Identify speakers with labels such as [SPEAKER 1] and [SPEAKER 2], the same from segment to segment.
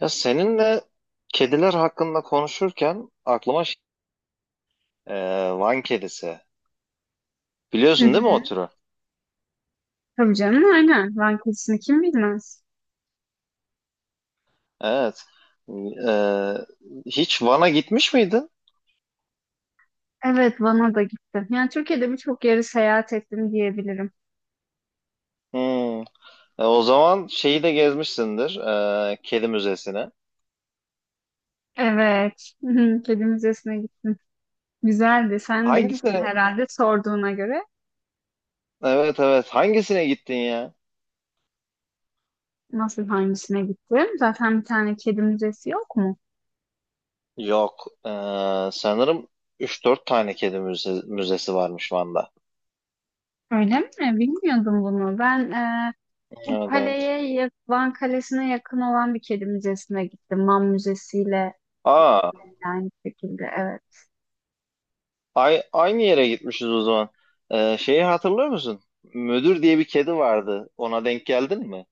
[SPEAKER 1] Ya seninle kediler hakkında konuşurken aklıma e, Van kedisi.
[SPEAKER 2] Hı
[SPEAKER 1] Biliyorsun değil mi o
[SPEAKER 2] hı.
[SPEAKER 1] türü?
[SPEAKER 2] Tabii canım aynen. Van Kulisi'ni kim bilmez.
[SPEAKER 1] Evet. E, Hiç Van'a gitmiş miydin?
[SPEAKER 2] Evet, Van'a da gittim. Yani Türkiye'de birçok yeri seyahat ettim diyebilirim.
[SPEAKER 1] Hmm. O zaman şeyi de gezmişsindir. Kedi müzesine.
[SPEAKER 2] Evet. Hı hı. Kedi Müzesi'ne gittim. Güzeldi. Sen de gittin
[SPEAKER 1] Hangisine?
[SPEAKER 2] herhalde sorduğuna göre.
[SPEAKER 1] Evet evet. Hangisine gittin ya?
[SPEAKER 2] Nasıl hangisine gittim? Zaten bir tane kedi müzesi yok mu?
[SPEAKER 1] Yok. Sanırım üç dört tane kedi müzesi varmış Van'da.
[SPEAKER 2] Öyle mi? Bilmiyordum bunu. Ben bu
[SPEAKER 1] Evet evet.
[SPEAKER 2] kaleye, Van Kalesi'ne yakın olan bir kedi müzesine gittim. Man Müzesi'yle
[SPEAKER 1] Aa,
[SPEAKER 2] yakın yani bir şekilde. Evet.
[SPEAKER 1] Aynı yere gitmişiz o zaman. Şeyi hatırlıyor musun? Müdür diye bir kedi vardı. Ona denk geldin mi?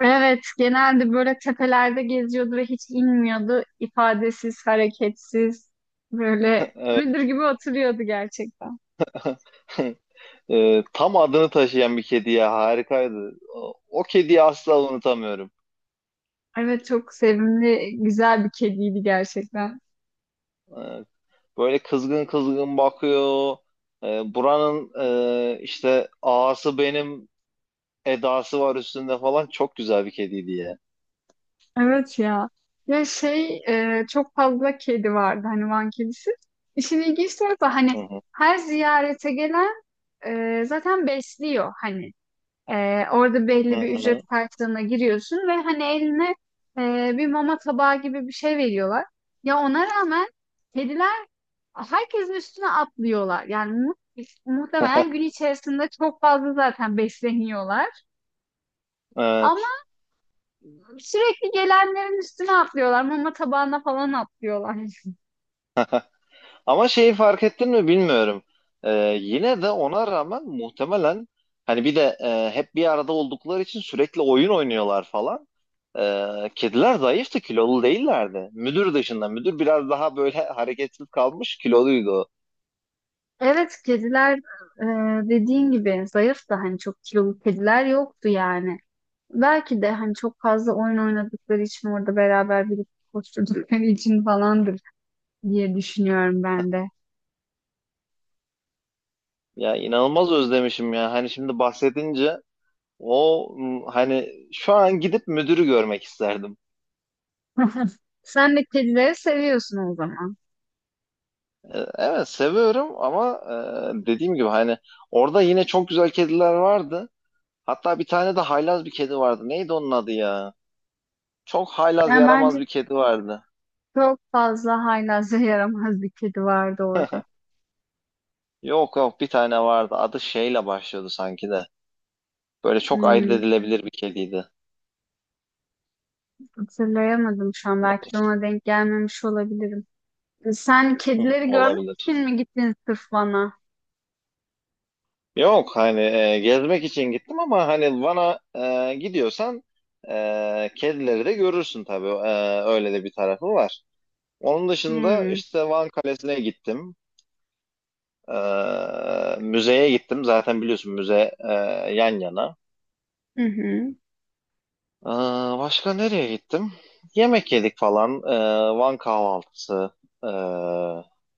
[SPEAKER 2] Evet, genelde böyle tepelerde geziyordu ve hiç inmiyordu. İfadesiz, hareketsiz, böyle
[SPEAKER 1] Evet.
[SPEAKER 2] müdür gibi oturuyordu gerçekten.
[SPEAKER 1] Tam adını taşıyan bir kedi ya harikaydı. O kediyi asla unutamıyorum.
[SPEAKER 2] Evet, çok sevimli, güzel bir kediydi gerçekten.
[SPEAKER 1] Ee, Böyle kızgın kızgın bakıyor. Buranın işte ağası benim edası var üstünde falan çok güzel bir kediydi ya.
[SPEAKER 2] Evet ya. Ya şey, çok fazla kedi vardı hani Van kedisi. İşin ilginç tarafı hani
[SPEAKER 1] Hı hı.
[SPEAKER 2] her ziyarete gelen zaten besliyor hani. Orada
[SPEAKER 1] Hı
[SPEAKER 2] belli bir ücret
[SPEAKER 1] hı.
[SPEAKER 2] karşılığına giriyorsun ve hani eline bir mama tabağı gibi bir şey veriyorlar. Ya ona rağmen kediler herkesin üstüne atlıyorlar. Yani muhtemelen gün içerisinde çok fazla zaten besleniyorlar.
[SPEAKER 1] Evet.
[SPEAKER 2] Ama sürekli gelenlerin üstüne atlıyorlar. Mama tabağına falan atlıyorlar.
[SPEAKER 1] Ama şeyi fark ettin mi bilmiyorum. Ee, Yine de ona rağmen muhtemelen hani bir de hep bir arada oldukları için sürekli oyun oynuyorlar falan. Kediler zayıftı, kilolu değillerdi. Müdür dışında. Müdür biraz daha böyle hareketsiz kalmış, kiloluydu o.
[SPEAKER 2] Evet, kediler e, dediğin gibi zayıf da hani çok kilolu kediler yoktu yani. Belki de hani çok fazla oyun oynadıkları için orada beraber birlikte koşturdukları için falandır diye düşünüyorum ben de.
[SPEAKER 1] Ya inanılmaz özlemişim ya. Hani şimdi bahsedince hani şu an gidip müdürü görmek isterdim.
[SPEAKER 2] Sen de kedileri seviyorsun o zaman.
[SPEAKER 1] Evet seviyorum ama dediğim gibi hani orada yine çok güzel kediler vardı. Hatta bir tane de haylaz bir kedi vardı. Neydi onun adı ya? Çok haylaz
[SPEAKER 2] Yani
[SPEAKER 1] yaramaz
[SPEAKER 2] bence
[SPEAKER 1] bir kedi vardı.
[SPEAKER 2] çok fazla haylazlığa yaramaz bir kedi vardı orada.
[SPEAKER 1] Yok yok, bir tane vardı. Adı şeyle başlıyordu sanki de. Böyle çok ayırt
[SPEAKER 2] Hmm,
[SPEAKER 1] edilebilir bir kediydi.
[SPEAKER 2] hatırlayamadım şu an. Belki de ona denk gelmemiş olabilirim. Sen
[SPEAKER 1] Hı,
[SPEAKER 2] kedileri görmek
[SPEAKER 1] olabilir.
[SPEAKER 2] için mi gittin sırf bana?
[SPEAKER 1] Yok hani gezmek için gittim ama hani Van'a gidiyorsan kedileri de görürsün tabii. Öyle de bir tarafı var. Onun dışında
[SPEAKER 2] Hmm.
[SPEAKER 1] işte Van Kalesi'ne gittim. E, Müzeye gittim. Zaten biliyorsun müze yan yana.
[SPEAKER 2] Hı hı.
[SPEAKER 1] Ee, Başka nereye gittim? Yemek yedik falan. Van kahvaltısı ee,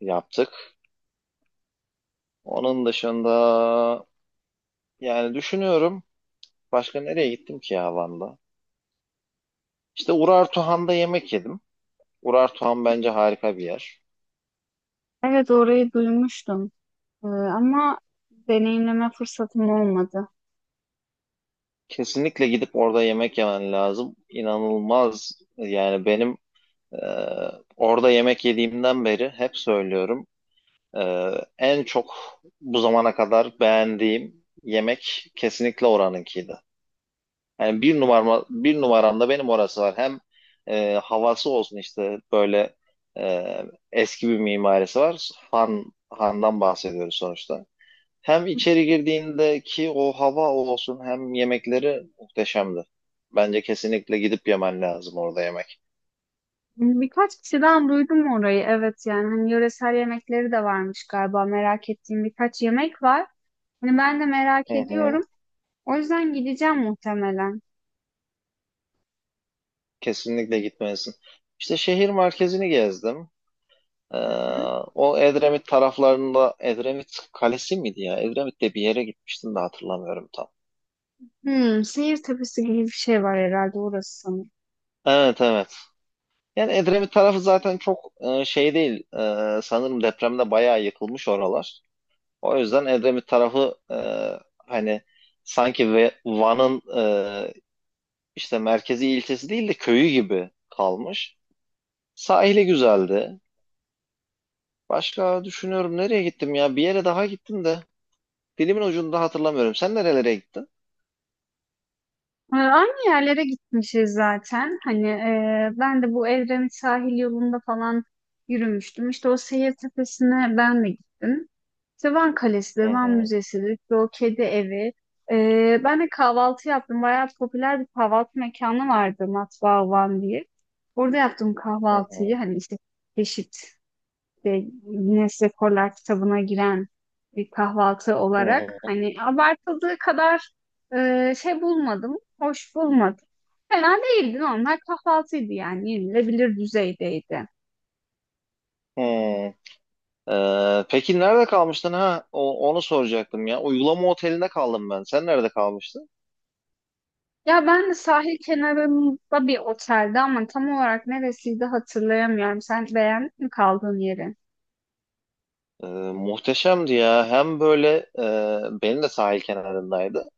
[SPEAKER 1] yaptık. Onun dışında yani düşünüyorum başka nereye gittim ki ya Van'da? İşte Urartuhan'da yemek yedim. Urartuhan bence harika bir yer.
[SPEAKER 2] Evet, orayı duymuştum. Ama deneyimleme fırsatım olmadı.
[SPEAKER 1] Kesinlikle gidip orada yemek yemen lazım. İnanılmaz yani, benim ee, orada yemek yediğimden beri hep söylüyorum. Ee, En çok bu zamana kadar beğendiğim yemek kesinlikle oranınkiydi. Yani bir numarama, bir numaramda benim orası var. Hem havası olsun, işte böyle e, eski bir mimarisi var. Han'dan bahsediyoruz sonuçta. Hem içeri girdiğindeki o hava olsun, hem yemekleri muhteşemdi. Bence kesinlikle gidip yemen lazım orada yemek.
[SPEAKER 2] Hani birkaç kişiden duydum orayı. Evet, yani hani yöresel yemekleri de varmış galiba. Merak ettiğim birkaç yemek var. Hani ben de merak
[SPEAKER 1] Hı hı,
[SPEAKER 2] ediyorum. O yüzden gideceğim muhtemelen.
[SPEAKER 1] kesinlikle gitmelisin. İşte şehir merkezini gezdim. Ee,
[SPEAKER 2] Hı hı.
[SPEAKER 1] O Edremit taraflarında Edremit Kalesi miydi ya? Edremit'te bir yere gitmiştim de hatırlamıyorum tam.
[SPEAKER 2] Hmm, Seyir Tepesi gibi bir şey var herhalde orası sanırım.
[SPEAKER 1] Evet evet. Yani Edremit tarafı zaten çok şey değil. Sanırım depremde bayağı yıkılmış oralar. O yüzden Edremit tarafı hani sanki Van'ın e, işte merkezi ilçesi değil de köyü gibi kalmış. Sahili güzeldi. Başka düşünüyorum, nereye gittim ya? Bir yere daha gittim de. Dilimin ucunda, hatırlamıyorum. Sen nerelere gittin?
[SPEAKER 2] Aynı yerlere gitmişiz zaten. Hani ben de bu Evrenin sahil yolunda falan yürümüştüm. İşte o Seyir Tepesi'ne ben de gittim. İşte Van Kalesi'dir,
[SPEAKER 1] Hı
[SPEAKER 2] Van
[SPEAKER 1] hı,
[SPEAKER 2] Müzesi'dir, işte o kedi evi. Ben de kahvaltı yaptım. Bayağı popüler bir kahvaltı mekanı vardı Matbaa Van diye. Orada yaptım
[SPEAKER 1] hı
[SPEAKER 2] kahvaltıyı.
[SPEAKER 1] hı,
[SPEAKER 2] Hani işte çeşit, işte Guinness Rekorlar kitabına giren bir kahvaltı
[SPEAKER 1] hı
[SPEAKER 2] olarak
[SPEAKER 1] hı,
[SPEAKER 2] hani abartıldığı kadar şey bulmadım, hoş bulmadım. Fena değildi, normal kahvaltıydı yani yenilebilir düzeydeydi.
[SPEAKER 1] hı. Peki nerede kalmıştın, ha? Onu soracaktım ya. Uygulama otelinde kaldım ben. Sen nerede kalmıştın?
[SPEAKER 2] Ya ben de sahil kenarında bir otelde ama tam olarak neresiydi hatırlayamıyorum. Sen beğendin mi kaldığın yeri?
[SPEAKER 1] Ee, Muhteşemdi ya. Hem böyle benim de sahil kenarındaydı.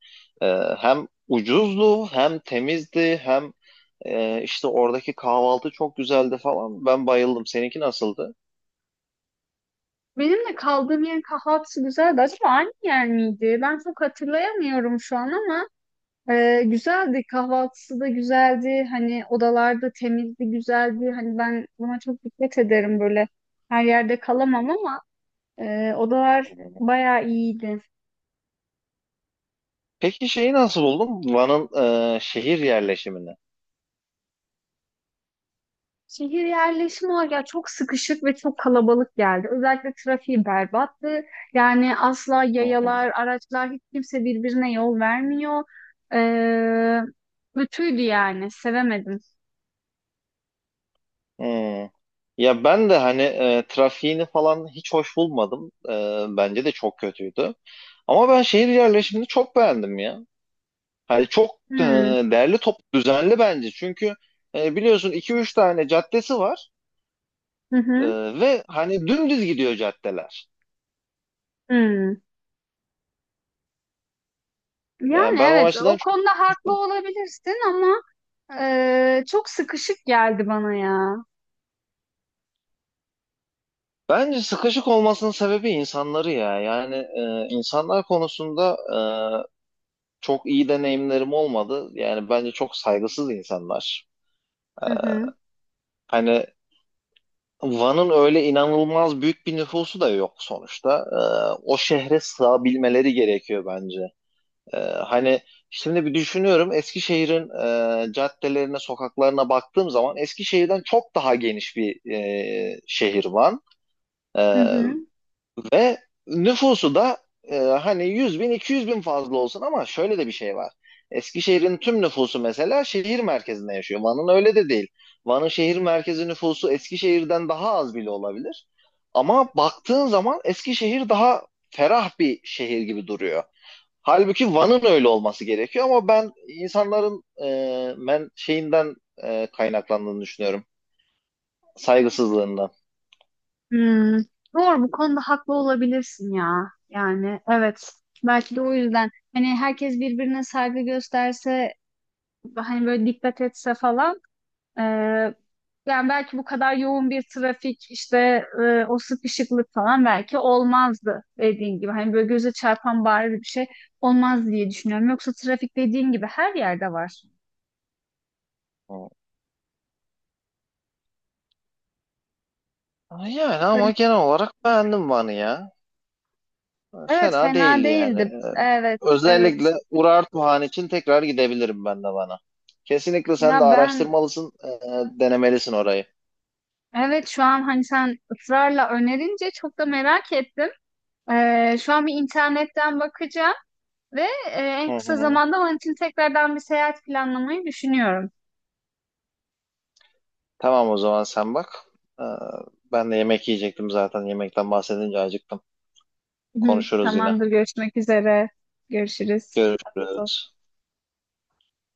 [SPEAKER 1] Ee, Hem ucuzdu, hem temizdi, hem işte oradaki kahvaltı çok güzeldi falan. Ben bayıldım. Seninki nasıldı?
[SPEAKER 2] Benim de kaldığım yerin kahvaltısı güzeldi. Acaba aynı yer miydi? Ben çok hatırlayamıyorum şu an ama ee, güzeldi, kahvaltısı da güzeldi, hani odalarda temizdi, güzeldi, hani ben buna çok dikkat ederim, böyle her yerde kalamam ama odalar
[SPEAKER 1] Hı.
[SPEAKER 2] bayağı iyiydi.
[SPEAKER 1] Peki şeyi nasıl buldun? Van'ın şehir yerleşimini.
[SPEAKER 2] Şehir yerleşimi olarak ya çok sıkışık ve çok kalabalık geldi. Özellikle trafiği berbattı. Yani asla
[SPEAKER 1] Hı hı.
[SPEAKER 2] yayalar, araçlar hiç kimse birbirine yol vermiyor. Ee, kötüydü yani sevemedim.
[SPEAKER 1] Hmm. Ya ben de hani trafiğini falan hiç hoş bulmadım. Bence de çok kötüydü. Ama ben şehir yerleşimini çok beğendim ya. Hani çok
[SPEAKER 2] Hmm.
[SPEAKER 1] değerli, top düzenli bence. Çünkü biliyorsun, iki üç tane caddesi var.
[SPEAKER 2] Hı
[SPEAKER 1] Ee,
[SPEAKER 2] hı.
[SPEAKER 1] Ve hani dümdüz gidiyor caddeler.
[SPEAKER 2] Hmm.
[SPEAKER 1] Yani
[SPEAKER 2] Yani
[SPEAKER 1] ben o
[SPEAKER 2] evet,
[SPEAKER 1] açıdan
[SPEAKER 2] o
[SPEAKER 1] çok
[SPEAKER 2] konuda haklı
[SPEAKER 1] sıkıştım.
[SPEAKER 2] olabilirsin ama ee, çok sıkışık geldi bana ya.
[SPEAKER 1] Bence sıkışık olmasının sebebi insanları ya. Yani insanlar konusunda çok iyi deneyimlerim olmadı. Yani bence çok saygısız insanlar.
[SPEAKER 2] Hı hı.
[SPEAKER 1] Hani Van'ın öyle inanılmaz büyük bir nüfusu da yok sonuçta. O şehre sığabilmeleri gerekiyor bence. Hani şimdi bir düşünüyorum, Eskişehir'in caddelerine, sokaklarına baktığım zaman Eskişehir'den çok daha geniş bir şehir var.
[SPEAKER 2] Hı
[SPEAKER 1] Ee,
[SPEAKER 2] hı.
[SPEAKER 1] Ve nüfusu da hani 100 bin, 200 bin fazla olsun, ama şöyle de bir şey var. Eskişehir'in tüm nüfusu mesela şehir merkezinde yaşıyor. Van'ın öyle de değil. Van'ın şehir merkezi nüfusu Eskişehir'den daha az bile olabilir. Ama baktığın zaman Eskişehir daha ferah bir şehir gibi duruyor. Halbuki Van'ın öyle olması gerekiyor, ama ben insanların men şeyinden kaynaklandığını düşünüyorum. Saygısızlığından.
[SPEAKER 2] Hmm. Doğru, bu konuda haklı olabilirsin ya. Yani evet. Belki de o yüzden hani herkes birbirine saygı gösterse, hani böyle dikkat etse falan, ee, yani belki bu kadar yoğun bir trafik, işte o sıkışıklık falan belki olmazdı dediğin gibi. Hani böyle göze çarpan bariz bir şey olmaz diye düşünüyorum. Yoksa trafik dediğin gibi her yerde var.
[SPEAKER 1] Yani ama genel olarak beğendim Van'ı ya.
[SPEAKER 2] Evet,
[SPEAKER 1] Fena
[SPEAKER 2] fena
[SPEAKER 1] değildi yani.
[SPEAKER 2] değildi. Evet, evet.
[SPEAKER 1] Özellikle Urartuhan için tekrar gidebilirim ben de Van'a. Kesinlikle
[SPEAKER 2] Ya
[SPEAKER 1] sen de
[SPEAKER 2] ben,
[SPEAKER 1] araştırmalısın, denemelisin orayı.
[SPEAKER 2] evet, şu an hani sen ısrarla önerince çok da merak ettim. Şu an bir internetten bakacağım ve
[SPEAKER 1] Hı
[SPEAKER 2] en kısa
[SPEAKER 1] hı.
[SPEAKER 2] zamanda onun için tekrardan bir seyahat planlamayı düşünüyorum.
[SPEAKER 1] Tamam, o zaman sen bak. E, Ben de yemek yiyecektim zaten. Yemekten bahsedince acıktım.
[SPEAKER 2] Hı hı.
[SPEAKER 1] Konuşuruz yine.
[SPEAKER 2] Tamamdır, görüşmek üzere. Görüşürüz. Afiyet olsun.
[SPEAKER 1] Görüşürüz.